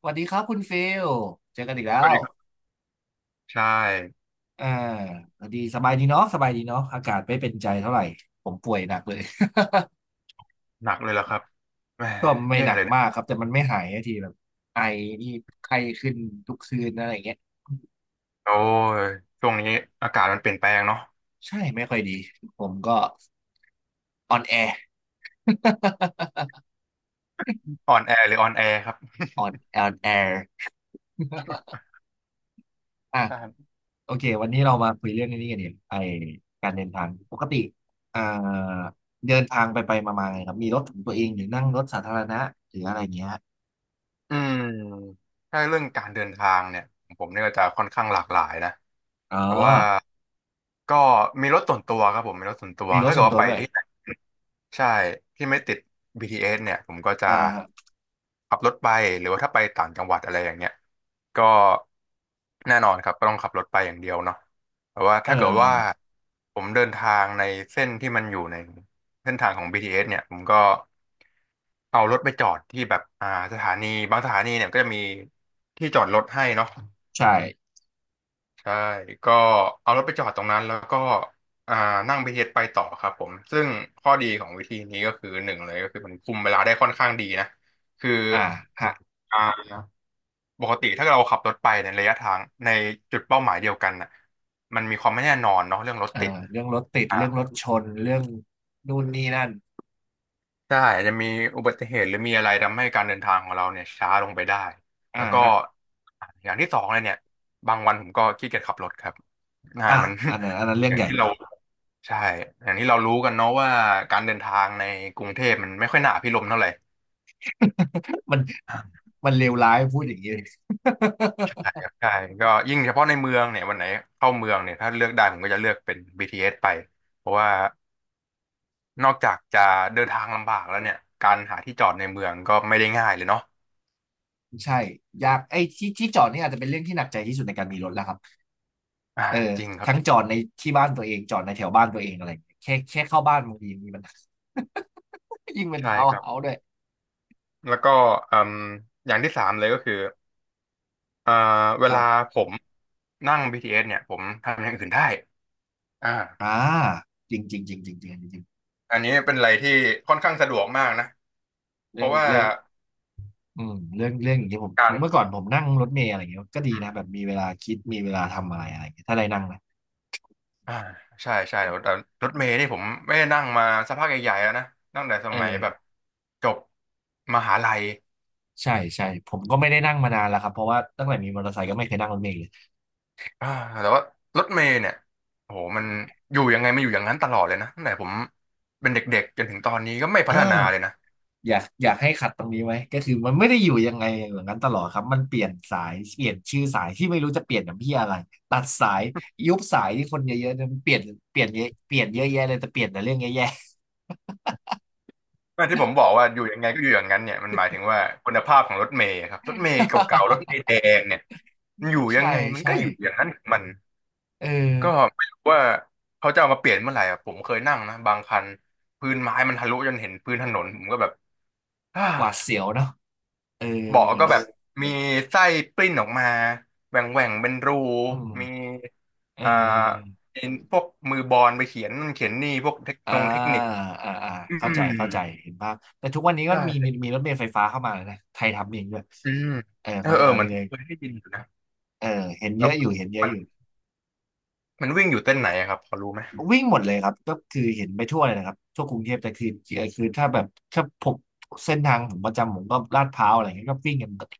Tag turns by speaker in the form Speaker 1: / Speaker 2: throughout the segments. Speaker 1: สวัสดีครับคุณฟิลเจอกันอีกแล้
Speaker 2: สวัส
Speaker 1: ว
Speaker 2: ดีครับใช่
Speaker 1: อ่าสวัสดีสบายดีเนาะสบายดีเนาะอากาศไม่เป็นใจเท่าไหร่ ผมป่วยหนักเลย
Speaker 2: หนักเลยล่ะครับแหม
Speaker 1: ก็ไม่
Speaker 2: แย่
Speaker 1: หนั
Speaker 2: เล
Speaker 1: ก
Speaker 2: ยนะ
Speaker 1: มากครับ แต่มันไม่หายสักทีแบบไอนี่ไข้ขึ้นทุกคืนอะไรอย่างเงี้ย
Speaker 2: โอ้ยช่วงนี้อากาศมันเปลี่ยนแปลงเนาะ
Speaker 1: ใช่ ไม่ค่อยดี ผมก็ออนแอร์
Speaker 2: อ่อนแอหรือออนแอครับ
Speaker 1: ออนแอร์ อ่ะ
Speaker 2: ใช่
Speaker 1: โอเค วันนี้เรามาคุยเรื่องนี้กันเนี่ยไอการเดินทาง ปกติอ่าเดินทางไปมาๆไงครับมีรถของตัวเองหรือนั่งรถสาธารณะหรืออะไรเงี้ย
Speaker 2: อืมถ้าเรื่องการเดินทางเนี่ยผมเนี่ยก็จะค่อนข้างหลากหลายนะ
Speaker 1: อ๋อ
Speaker 2: แต่ว่าก็มีรถส่วนตัวครับผมมีรถส่วนตัว
Speaker 1: มีรถ
Speaker 2: ถ้าเกิ
Speaker 1: ส่ว
Speaker 2: ด
Speaker 1: น
Speaker 2: ว่า
Speaker 1: ตัว
Speaker 2: ไป
Speaker 1: ด้วย
Speaker 2: ที่ไหน ใช่ที่ไม่ติด BTS เอสเนี่ยผมก็จะ
Speaker 1: อ่า
Speaker 2: ขับรถไปหรือว่าถ้าไปต่างจังหวัดอะไรอย่างเงี้ยก็แน่นอนครับก็ต้องขับรถไปอย่างเดียวเนาะแต่ว่า
Speaker 1: เอ
Speaker 2: ถ้าเกิดว่า
Speaker 1: อ
Speaker 2: ผมเดินทางในเส้นที่มันอยู่ในเส้นทางของ BTS เอสเนี่ยผมก็เอารถไปจอดที่แบบสถานีบางสถานีเนี่ยก็จะมีที่จอดรถให้เนาะ
Speaker 1: ใช่
Speaker 2: ใช่ก็เอารถไปจอดตรงนั้นแล้วก็อ่านั่ง BTS ไปต่อครับผมซึ่งข้อดีของวิธีนี้ก็คือหนึ่งเลยก็คือมันคุมเวลาได้ค่อนข้างดีนะคือ
Speaker 1: อ่าฮะ
Speaker 2: อ่าปกติถ้าเราขับรถไปในระยะทางในจุดเป้าหมายเดียวกันน่ะมันมีความไม่แน่นอนเนาะเรื่องรถ
Speaker 1: อ่า
Speaker 2: ติด
Speaker 1: เรื่องรถติด
Speaker 2: อ่า
Speaker 1: เรื่องรถชน เรื่องนู่นนี่นั่น
Speaker 2: ใช่อาจจะมีอุบัติเหตุหรือมีอะไรทำให้การเดินทางของเราเนี่ยช้าลงไปได้แล้
Speaker 1: อ่า
Speaker 2: วก็
Speaker 1: ฮะ
Speaker 2: อย่างที่สองเลยเนี่ยบางวันผมก็ขี้เกียจขับรถครับ
Speaker 1: อ่า
Speaker 2: มัน
Speaker 1: อันนั้นเรื่ อ
Speaker 2: อ
Speaker 1: ง
Speaker 2: ย่าง
Speaker 1: ใหญ่
Speaker 2: ที่เรา ใช่อย่างที่เรารู้กันเนาะว่าการเดินทางในกรุงเทพมันไม่ค่อยหนาพิลมย์เท่าไหร่
Speaker 1: มัน
Speaker 2: อ่า
Speaker 1: มันเลวร้ายพูดอย่างนี้ เลย
Speaker 2: ใช่ครับใช่ก็ยิ่งเฉพาะในเมืองเนี่ยวันไหนเข้าเมืองเนี่ยถ้าเลือกได้ผมก็จะเลือกเป็น BTS ไปเพราะว่านอกจากจะเดินทางลำบากแล้วเนี่ยการหาที่จอดในเมืองก็ไม่ได้ง่ายเลยเนาะ
Speaker 1: ใช่ยากไอ้ที่จอดนี่อาจจะเป็นเรื่องที่หนักใจที่สุดในการมีรถแล้วครับ
Speaker 2: อ่า
Speaker 1: เออ
Speaker 2: จริงครับ
Speaker 1: ทั้ง
Speaker 2: จริง
Speaker 1: จอดในที่บ้านตัวเองจอดในแถวบ้านตัวเองอะไรอย่างเงี้ยแค่เข้าบ้านบางทีมีมัน ยิ่งเป็น
Speaker 2: ใช่
Speaker 1: ทาว
Speaker 2: ค
Speaker 1: น์
Speaker 2: รับ
Speaker 1: เฮาส์ด้วย
Speaker 2: แล้วก็อืมอย่างที่สามเลยก็คือเอ่อเว
Speaker 1: ครั
Speaker 2: ลา
Speaker 1: บ
Speaker 2: ผมนั่ง BTS เอสเนี่ยผมทำอย่างอื่นได้อ่า
Speaker 1: อ่าจริงจริงจริงจริงจริงจริง
Speaker 2: อันนี้เป็นอะไรที่ค่อนข้างสะดวกมากนะเพ
Speaker 1: เรื่อ
Speaker 2: ราะ
Speaker 1: ง
Speaker 2: ว่า
Speaker 1: เรื่อง อืมเรื่องอย่างนี้ยผม
Speaker 2: กา
Speaker 1: เมื่อ
Speaker 2: ร
Speaker 1: ก่อนผมนั่งรถเมล์อะไรเงี้ยก็ดีนะแบบมีเวลาคิดมีเวลาทำอะไรอะไรเงี้ยถ้าได้นั่งนะ
Speaker 2: อ่าใช่แต่รถเมล์นี่ผมไม่ได้นั่งมาสักพักใหญ่ๆแล้วนะตั้งแต่ส
Speaker 1: เ
Speaker 2: มัยแบบ
Speaker 1: ออ
Speaker 2: จบมหาลัย
Speaker 1: ใช่ใช่ผมก็ไม่ได้นั่งมานานแล้วครับเพราะว่าตั้งแต่มีมอเตอร์ไซค์ก็ไม่เคยนั่งรถเมล์เลย
Speaker 2: อ่าแต่ว่ารถเมล์เนี่ยโอ้โหมันอยู่ยังไงมันอยู่อย่างนั้นตลอดเลยนะตั้งแต่ผมเป็นเด็กๆจนถึงตอนนี้ก็ไม่
Speaker 1: เอ
Speaker 2: พั
Speaker 1: อ
Speaker 2: ฒนาเลยนะ
Speaker 1: อยากให้ขัดตรงนี้ไว้ก็คือมันไม่ได้อยู่ยังไงอย่างนั้นตลอดครับมันเปลี่ยนสายเปลี่ยนชื่อสายที่ไม่รู้จะเปลี่ยนอย่างพี่อะไรตัดสายยุบสายที่คนเยอะๆเนี่ยมันเปลี่ยนเปลี่ยนเยอะเปลี่ยนเยอะแยะเลยแต่เปลี่ยนแต่เรื่องแย่
Speaker 2: แต่ที่ผมบอกว่าอยู่ยังไงก็อยู่อย่างนั้นเนี่ยมันหมายถึงว่าคุณภาพของรถเมล์ครับรถเมล์เก่าๆรถเมล์แดงเนี่ยมัน
Speaker 1: ๆ
Speaker 2: อยู่ ยั
Speaker 1: ใช่
Speaker 2: งไงมัน
Speaker 1: ใช่
Speaker 2: ก็อยู่อย่างนั้นของมัน
Speaker 1: เออ
Speaker 2: ก็ไม่รู้ว่าเขาจะเอามาเปลี่ยนเมื่อไหร่อ่ะผมเคยนั่งนะบางคันพื้นไม้มันทะลุจนเห็นพื้นถนนผมก็แบบอ้า
Speaker 1: หวาดเสียวเนาะเออ
Speaker 2: เบาะก็แบบมีไส้ปลิ้นออกมาแหว่งแหว่งเป็นรู
Speaker 1: อืม
Speaker 2: มี
Speaker 1: เ
Speaker 2: อ่า
Speaker 1: ออ
Speaker 2: มีพวกมือบอลไปเขียนนั่นเขียนนี่พวกเทค
Speaker 1: อ่า
Speaker 2: โนงเทคนิค
Speaker 1: อ่าอ่า
Speaker 2: อื
Speaker 1: เข้าใจ
Speaker 2: ม
Speaker 1: เข้าใจเห็นภาพแต่ทุกวันนี้ก็มีมี
Speaker 2: ใช่
Speaker 1: มีรถเมล์ไฟฟ้าเข้ามาแล้วนะไทยทำเองด้วย
Speaker 2: อืม
Speaker 1: เออ
Speaker 2: เอ
Speaker 1: ค
Speaker 2: อ
Speaker 1: นไท
Speaker 2: เอ
Speaker 1: ย
Speaker 2: อ
Speaker 1: ทำ
Speaker 2: เหมื
Speaker 1: เอ
Speaker 2: อน
Speaker 1: ง
Speaker 2: ผ
Speaker 1: เล
Speaker 2: ม
Speaker 1: ย
Speaker 2: เคยได้ยินอยู่นะ
Speaker 1: เออเห็น
Speaker 2: แบ
Speaker 1: เย
Speaker 2: บ
Speaker 1: อะอยู่เห็นเยอะ
Speaker 2: มั
Speaker 1: อ
Speaker 2: น
Speaker 1: ยู่
Speaker 2: มันวิ่งอยู่เส้นไหนอะครับพอรู้ไหม
Speaker 1: วิ่งหมดเลยครับก็คือเห็นไปทั่วเลยนะครับทั่วกรุงเทพแต่คือคือถ้าแบบถ้าผมเส้นทางผมประจำผมก็ลาดพร้าวอะไรอย่างเงี้ยก็วิ่งกันปกติ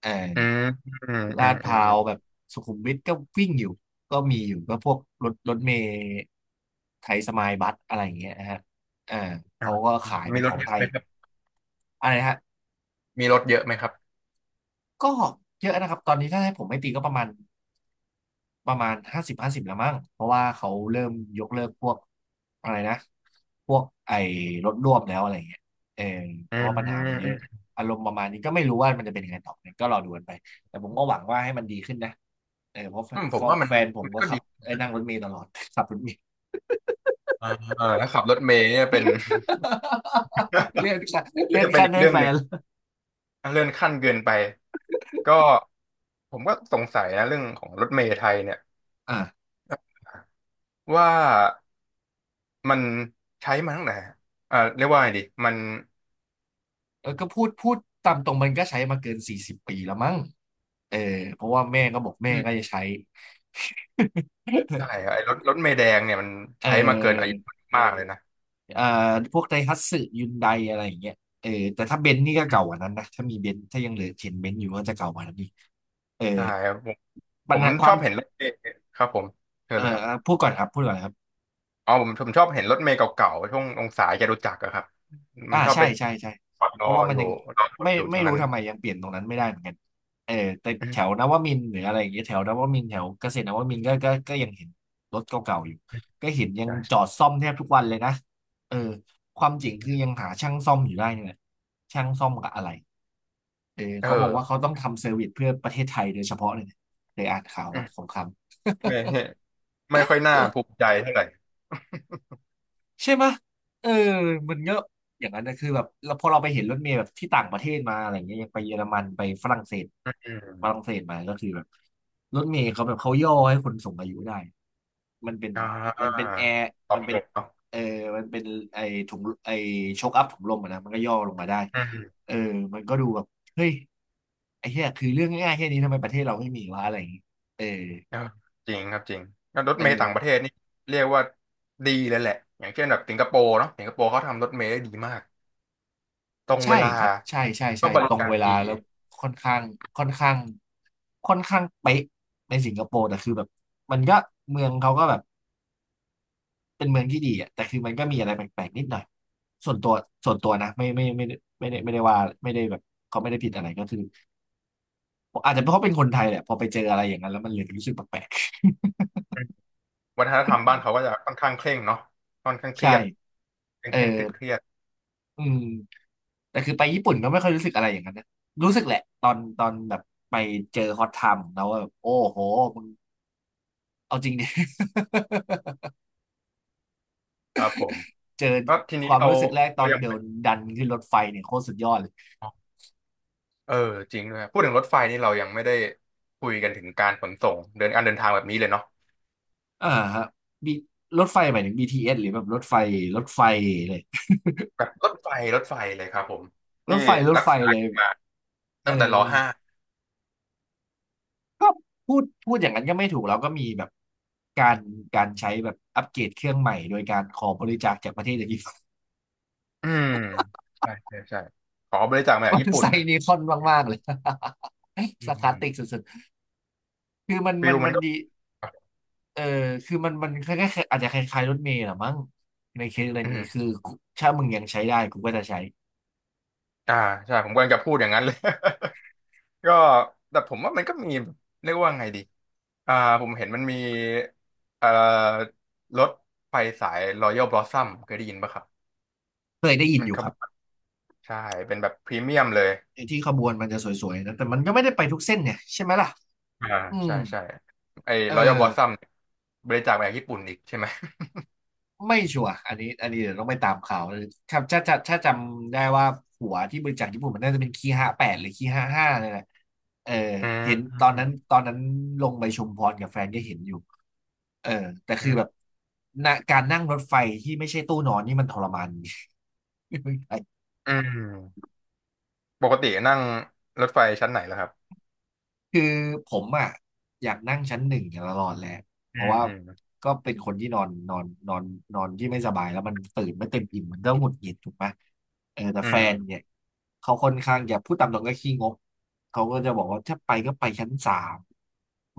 Speaker 1: เอ
Speaker 2: อืม
Speaker 1: อ
Speaker 2: อืมอื
Speaker 1: ลา
Speaker 2: ม
Speaker 1: ดพ
Speaker 2: อืม
Speaker 1: ร้า
Speaker 2: อื
Speaker 1: ว
Speaker 2: ม
Speaker 1: แบบสุขุมวิทก็วิ่งอยู่ก็มีอยู่ก็พวกรถเมล์ไทยสมายบัสอะไรอย่างเงี้ยนะฮะเอ่
Speaker 2: อ่า
Speaker 1: เขาก็ขายเป็
Speaker 2: มี
Speaker 1: น
Speaker 2: ร
Speaker 1: ข
Speaker 2: ถ
Speaker 1: อง
Speaker 2: เย
Speaker 1: ไท
Speaker 2: อะไห
Speaker 1: ย
Speaker 2: มครับ
Speaker 1: อะไรฮะ
Speaker 2: มีรถเยอะไหมครับ
Speaker 1: ก็เยอะนะครับตอนนี้ถ้าให้ผมไม่ตีก็ประมาณห้าสิบห้าสิบแล้วมั้งเพราะว่าเขาเริ่มยกเลิกพวกอะไรนะพวกไอ้รถร่วมแล้วอะไรเงี้ยเออ
Speaker 2: อื
Speaker 1: เพราะว่าปัญหามันเยอะ
Speaker 2: ม
Speaker 1: อารมณ์ประมาณนี้ก็ไม่รู้ว่ามันจะเป็นยังไงต่อไปก็รอดูกันไปแต่ผมก็หวังว่าให้มันดีขึ้นนะเออเพราะแฟ
Speaker 2: ผม
Speaker 1: น
Speaker 2: ว่ามัน
Speaker 1: แฟนผมก็
Speaker 2: ก็
Speaker 1: ขั
Speaker 2: ดี
Speaker 1: บเอ้ยนั่งรถเมล์ตลอด ขับรถเมล์
Speaker 2: อ่าเออถ้าขับรถเมล์เนี่ยเป็น
Speaker 1: เลื่อนขั้น
Speaker 2: ก็
Speaker 1: เลื่อน
Speaker 2: จะเป็น
Speaker 1: ขั้น
Speaker 2: อีก
Speaker 1: ด้วย
Speaker 2: เรื่อง
Speaker 1: แฟ
Speaker 2: หนึ่ง
Speaker 1: น
Speaker 2: เรื่องขั้นเกินไปก็ผมก็สงสัยนะเรื่องของรถเมล์ไทยเนี่ย
Speaker 1: อ่ะ
Speaker 2: ว่ามันใช้มาตั้งแต่เรียกว่าไงดีมัน
Speaker 1: แล้วก็พูดตามตรงมันก็ใช้มาเกิน40 ปีแล้วมั้ง เออเพราะว่าแม่ก็บอกแม่
Speaker 2: อื
Speaker 1: ก็
Speaker 2: ม
Speaker 1: จะใช้
Speaker 2: ใช่ครับไอ้รถรถเมล์แดงเนี่ยมัน
Speaker 1: เอ
Speaker 2: ใช้มาเกินอา
Speaker 1: อ
Speaker 2: ยุมากเลยนะ
Speaker 1: เอ่อพวกไดฮัตสึยุนไดอะไรอย่างเงี้ยเออแต่ถ้าเบนซ์นี่ก็เก่ากว่านั้นนะถ้ามีเบนซ์ถ้ายังเหลือเห็นเบนซ์อยู่ก็จะเก่ากว่านั้นอีกเออ
Speaker 2: ใช่ครับผม
Speaker 1: ปัญหาค
Speaker 2: ช
Speaker 1: วา
Speaker 2: อ
Speaker 1: ม
Speaker 2: บเห็นรถเมล์ครับผมเชิญ
Speaker 1: เอ่อ
Speaker 2: เลยครับ
Speaker 1: พูดก่อนครับ
Speaker 2: อ๋อผมชอบเห็นรถเมล์เก่าๆช่วงองศายจตุจักรอะครับมั
Speaker 1: อ่า
Speaker 2: นชอบ
Speaker 1: ใช่
Speaker 2: ไป
Speaker 1: ใช่ใช่
Speaker 2: จอดร
Speaker 1: เพ
Speaker 2: อ
Speaker 1: ราะว่า
Speaker 2: อ
Speaker 1: มัน
Speaker 2: ยู่
Speaker 1: ยัง
Speaker 2: รอ
Speaker 1: ไม่
Speaker 2: อยู่ต
Speaker 1: ไม่
Speaker 2: รง
Speaker 1: รู้
Speaker 2: นั้น
Speaker 1: ทำไมยังเปลี่ยนตรงนั้นไม่ได้เหมือนกันเออแต่
Speaker 2: อื
Speaker 1: แถว
Speaker 2: ม
Speaker 1: นวมินทร์หรืออะไรอย่างเงี้ยแถวนวมินทร์แถวเกษตรนวมินทร์ก็ยังเห็นรถเก่าๆอยู่ก็เห็นยังจอ
Speaker 2: ใช่
Speaker 1: ดซ่อมแทบทุกวันเลยนะเออความจริงคือยังหาช่างซ่อมอยู่ได้นี่แหละช่างซ่อมกับอะไรเออ
Speaker 2: เออ
Speaker 1: เขาบอกว่าเขาต้องทำเซอร์วิสเพื่อประเทศไทยโดยเฉพาะเลยนะเคยอ่านข่าว
Speaker 2: อื
Speaker 1: มา
Speaker 2: ม
Speaker 1: สงคราม
Speaker 2: ไม่ไม่ค่อยน่าภูมิใจเท่าไหร่
Speaker 1: ใช่ไหมะเออมันเยอะอย่างนั้นนะคือแบบเราพอเราไปเห็นรถเมล์แบบที่ต่างประเทศมาอะไรเงี้ยอย่างไปเยอรมันไปฝรั่งเศส
Speaker 2: อื
Speaker 1: ฝรั่ง
Speaker 2: ม
Speaker 1: เศสมาก็คือแบบรถเมล์เขาแบบเขาย่อให้คนสูงอายุได้มันเป็น
Speaker 2: อ่
Speaker 1: มันเป็น
Speaker 2: า
Speaker 1: แอร์
Speaker 2: ตอ
Speaker 1: มั
Speaker 2: บ
Speaker 1: น
Speaker 2: โจ
Speaker 1: เป็น
Speaker 2: ทย์เนาะ
Speaker 1: เออมันเป็นไอถุงไอช็อคอัพถุงลมอะนะมันก็ย่อลงมาได้
Speaker 2: อืม
Speaker 1: เออมันก็ดูแบบเฮ้ยไอ้เหี้ยคือเรื่องง่ายๆแค่นี้ทำไมประเทศเราไม่มีวะอะไรอย่างงี้เออ
Speaker 2: เออจริงครับจริงแล้วรถ
Speaker 1: เอ
Speaker 2: เมล์ต่างประเท
Speaker 1: อ
Speaker 2: ศนี่เรียกว่าดีเลยแหละอย่างเช่นแบบสิงคโปร์เนาะสิงคโปร์เขาทำรถเมล์ได้ดีมากตรง
Speaker 1: ใช่
Speaker 2: เวลา
Speaker 1: ครับใช่ใช่
Speaker 2: ก็
Speaker 1: ใช่
Speaker 2: บ
Speaker 1: ต
Speaker 2: ริ
Speaker 1: รง
Speaker 2: การ
Speaker 1: เวลา
Speaker 2: ดี
Speaker 1: แล้วค่อนข้างค่อนข้างค่อนข้างเป๊ะในสิงคโปร์แต่คือแบบมันก็เมืองเขาก็แบบเป็นเมืองที่ดีอ่ะแต่คือมันก็มีอะไรแปลกๆนิดหน่อยส่วนตัวส่วนตัวนะไม่ได้ไม่ได้ว่าไม่ได้แบบเขาไม่ได้ผิดอะไรก็คืออาจจะเพราะเขาเป็นคนไทยแหละพอไปเจออะไรอย่างนั้นแล้วมันเลยรู้สึกแปลก
Speaker 2: อืมวัฒนธรรมบ้านเขาก็จะค่อนข้างเคร่งเนาะค่อนข้า
Speaker 1: ๆ
Speaker 2: งเค รี
Speaker 1: ใช่
Speaker 2: ยดเคร่
Speaker 1: เอ
Speaker 2: ง
Speaker 1: อ
Speaker 2: เคร่งเครียดเครียด
Speaker 1: อืมแต่คือไปญี่ปุ่นก็ไม่ค่อยรู้สึกอะไรอย่างนั้นนะรู้สึกแหละตอนแบบไปเจอฮอตไทม์ของเราว่าแบบโอ้โห เอาจริงเนี่ย
Speaker 2: ครับผม
Speaker 1: เจอ
Speaker 2: ก็ที
Speaker 1: ค
Speaker 2: นี้
Speaker 1: วาม
Speaker 2: เรา
Speaker 1: รู้สึกแรกต
Speaker 2: เรา
Speaker 1: อน
Speaker 2: ยัง
Speaker 1: เดิ
Speaker 2: ไม่
Speaker 1: นดันขึ้นรถไฟเนี่ยโคตรสุดยอดเลย
Speaker 2: เออจริงด้วยครับพูดถึงรถไฟนี่เรายังไม่ได้คุยกันถึงการขนส่งเดินการเดินทางแบบนี้เลยเนาะ
Speaker 1: อ่าฮะมีรถไฟหมายถึง BTS หรือแบบรถไฟรถไฟเลย
Speaker 2: กับรถไฟรถไฟเลยครับผมที่
Speaker 1: รถ
Speaker 2: รัก
Speaker 1: ไฟ
Speaker 2: ษา
Speaker 1: เลย
Speaker 2: กันมา
Speaker 1: เออ
Speaker 2: ตั้งแต่รห้า
Speaker 1: ก็พูดอย่างนั้นก็ไม่ถูกแล้วก็มีแบบการการใช้แบบอัปเกรดเครื่องใหม่โดยการขอบริจาคจากประเทศอย่าง นี้
Speaker 2: อืมใช่ใช่ใช่ขอบริจาคมา จากญี่
Speaker 1: มัน
Speaker 2: ปุ่น
Speaker 1: ใส่
Speaker 2: นะ
Speaker 1: นีคอนมากๆเลย
Speaker 2: อื
Speaker 1: สารคา
Speaker 2: ม
Speaker 1: ติกสุดๆคือ
Speaker 2: ฟิลมั
Speaker 1: มั
Speaker 2: น
Speaker 1: น
Speaker 2: ก็
Speaker 1: ดี เออคือมันมันคล้ายๆอาจจะคล้ายๆรถเมล์แหละมั้งในเคสอะไร
Speaker 2: อืม
Speaker 1: นี้คือถ้ามึงยังใช้ได้กูก็จะใช้
Speaker 2: อ่าใช่ผมกำลังจะพูดอย่างนั้นเลย ก็แต่ผมว่ามันก็มีเรียกว่าไงดีอ่าผมเห็นมันมีเอ่อรถไฟสาย Royal Blossom เคยได้ยินปะครับ
Speaker 1: เคยได้ยิน
Speaker 2: มั
Speaker 1: อ
Speaker 2: น
Speaker 1: ยู่
Speaker 2: ข
Speaker 1: ค
Speaker 2: บ
Speaker 1: รับ
Speaker 2: วนใช่เป็นแบบพรีเมียมเลย
Speaker 1: ไอ้ที่ขบวนมันจะสวยๆนะแต่มันก็ไม่ได้ไปทุกเส้นเนี่ยใช่ไหมล่ะ
Speaker 2: อ่า
Speaker 1: อืม
Speaker 2: ใช่ใช่ไอ้
Speaker 1: เออ
Speaker 2: Royal Blossom เนี่ยบริจาคมาจากญี่ปุ่นอีกใช่ไหม
Speaker 1: ไม่ชัวร์อันนี้เดี๋ยวต้องไปตามข่าวครับถ้าจำได้ว่าหัวที่บริจาคญี่ปุ่นมันน่าจะเป็นคีห้าแปดหรือคีห้าห้าเนี่ยแหละเออ
Speaker 2: อื
Speaker 1: เห็น
Speaker 2: ม
Speaker 1: ตอนนั้นลงไปชุมพรกับแฟนก็เห็นอยู่เออแต่
Speaker 2: อื
Speaker 1: คือแบบ
Speaker 2: ม
Speaker 1: นะการนั่งรถไฟที่ไม่ใช่ตู้นอนนี่มันทรมาน ไม่ใช่
Speaker 2: อืมปกตินั่งรถไฟชั้นไหนล่ะครับ
Speaker 1: คือผมอ่ะอยากนั่งชั้นหนึ่งตลอดแหละเพ
Speaker 2: อื
Speaker 1: ราะ
Speaker 2: ม
Speaker 1: ว่า
Speaker 2: อืม
Speaker 1: ก็เป็นคนที่นอนนอนที่ไม่สบายแล้วมันตื่นไม่เต็มอิ่มมันก็หงุดหงิดถูกไหมเออแต่
Speaker 2: อื
Speaker 1: แฟ
Speaker 2: ม
Speaker 1: นเนี่ยเขาค่อนข้างจะพูดตามตรงก็ขี้งกเขาก็จะบอกว่าถ้าไปก็ไปชั้นสาม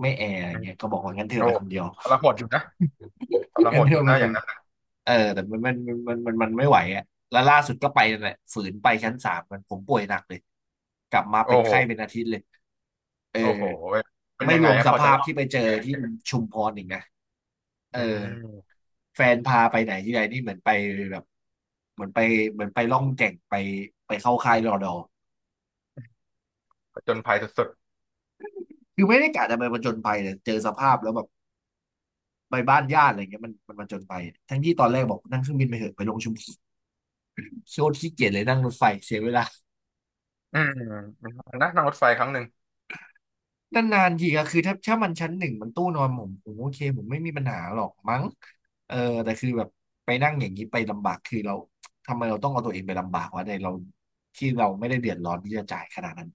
Speaker 1: ไม่แอร์อ
Speaker 2: อื
Speaker 1: ย่าง
Speaker 2: ม
Speaker 1: เงี้ยก็บอกว่างั้นเธอ
Speaker 2: โอ้
Speaker 1: ไปคนเดียว
Speaker 2: ทรหดอยู่นะทร ห
Speaker 1: งั้น
Speaker 2: ด
Speaker 1: เธ
Speaker 2: อ
Speaker 1: อ
Speaker 2: ยู่
Speaker 1: ไป
Speaker 2: นะ
Speaker 1: ค
Speaker 2: อย่า
Speaker 1: น
Speaker 2: งนั้น
Speaker 1: เออแต่มันไม่ไหวอ่ะแล้วล่าสุดก็ไปนั่นแหละฝืนไปชั้นสามมันผมป่วยหนักเลยกลับมา
Speaker 2: โอ้
Speaker 1: เป็น
Speaker 2: โห
Speaker 1: ไข้เป็นอาทิตย์เลยเออ
Speaker 2: โอ้โหเว้ยเป็น
Speaker 1: ไม่
Speaker 2: ยัง
Speaker 1: ร
Speaker 2: ไง
Speaker 1: วม
Speaker 2: ครับ
Speaker 1: ส
Speaker 2: พอจะ
Speaker 1: ภาพ
Speaker 2: เล่า
Speaker 1: ที่ไปเจ
Speaker 2: แ
Speaker 1: อที่
Speaker 2: ก
Speaker 1: ชุมพรอีกนะเอ
Speaker 2: อื
Speaker 1: อ
Speaker 2: ม
Speaker 1: แฟนพาไปไหนที่ไหนนี่เหมือนไปแบบเหมือนไปเหมือนไปล่องแก่งไปเข้าค่ายรอดอ
Speaker 2: ผจญภัยสุด
Speaker 1: คือไม่ได้กะจะไปผจญภัยเลยเจอสภาพแล้วแบบไปบ้านญาติอะไรเงี้ยมันมันผจญภัยทั้งที่ตอนแรกบอกนั่งเครื่องบินไปเถอะไปลงชุมโซนขี้เกียจเลยนั่งรถไฟเสียเวลา
Speaker 2: ๆนะนั่งรถไฟครั้งหนึ่ง
Speaker 1: นานนทีก็คือถ้าถ้ามันชั้นหนึ่งมันตู้นอนผมโอเคผมไม่มีปัญหาหรอกมั้งเออแต่คือแบบไปนั่งอย่างนี้ไปลำบากคือเราทำไมเราต้องเอาตัวเองไปลำบากวะในเราที่เราไม่ได้เดือดร้อนที่จะจ่ายขนาดนั้น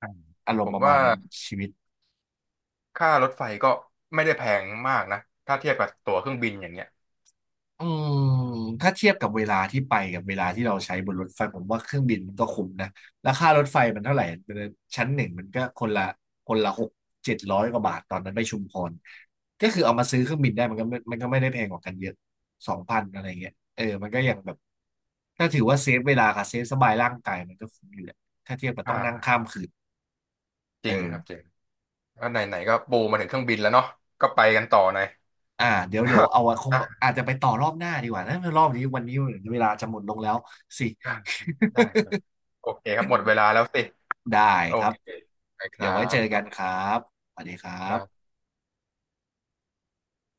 Speaker 2: อืม
Speaker 1: อาร
Speaker 2: ผ
Speaker 1: มณ์
Speaker 2: ม
Speaker 1: ประมา
Speaker 2: ว่า
Speaker 1: ณนั้นชีวิต
Speaker 2: ค่ารถไฟก็ไม่ได้แพงมากนะถ้าเทียบกับตั๋วเครื่องบินอย่างเงี้ย
Speaker 1: อืมถ้าเทียบกับเวลาที่ไปกับเวลาที่เราใช้บนรถไฟผมว่าเครื่องบินมันก็คุ้มนะราคารถไฟมันเท่าไหร่มันชั้นหนึ่งมันก็คนละหกเจ็ดร้อยกว่าบาทตอนนั้นไปชุมพรก็คือเอามาซื้อเครื่องบินได้มันก็ไม่ได้แพงกว่ากันเยอะสองพันอะไรเงี้ยเออมันก็ยังแบบถ้าถือว่าเซฟเวลากับเซฟสบายร่างกายมันก็คุ้มอยู่แหละถ้าเทียบกับ
Speaker 2: อ
Speaker 1: ต้องนั่งข้า
Speaker 2: ่า
Speaker 1: มคืน
Speaker 2: จ
Speaker 1: เอ
Speaker 2: ริงค
Speaker 1: อ
Speaker 2: รับจริง ก็ไหนไหนก็ปูมาถึงเครื่องบินแล้วเนาะก็ไปกันต่อหน่อย
Speaker 1: อ่าเดี๋ยวเอาไว้คง อาจจะไปต่อรอบหน้าดีกว่านะรอบนี้วันนี้เวลาจะหมดลงแล้วสิ
Speaker 2: อ่ะได้ครับโอเคครับหมดเวลาแล้วสิ
Speaker 1: ได้
Speaker 2: โอ
Speaker 1: ครับ
Speaker 2: เคไปค
Speaker 1: เดี๋ย
Speaker 2: รั
Speaker 1: วไว้เจ
Speaker 2: บ
Speaker 1: อ
Speaker 2: ขอ
Speaker 1: กั
Speaker 2: บ
Speaker 1: น
Speaker 2: คุ
Speaker 1: ครั
Speaker 2: ณ
Speaker 1: บสวัสดีครั
Speaker 2: ครับ
Speaker 1: บ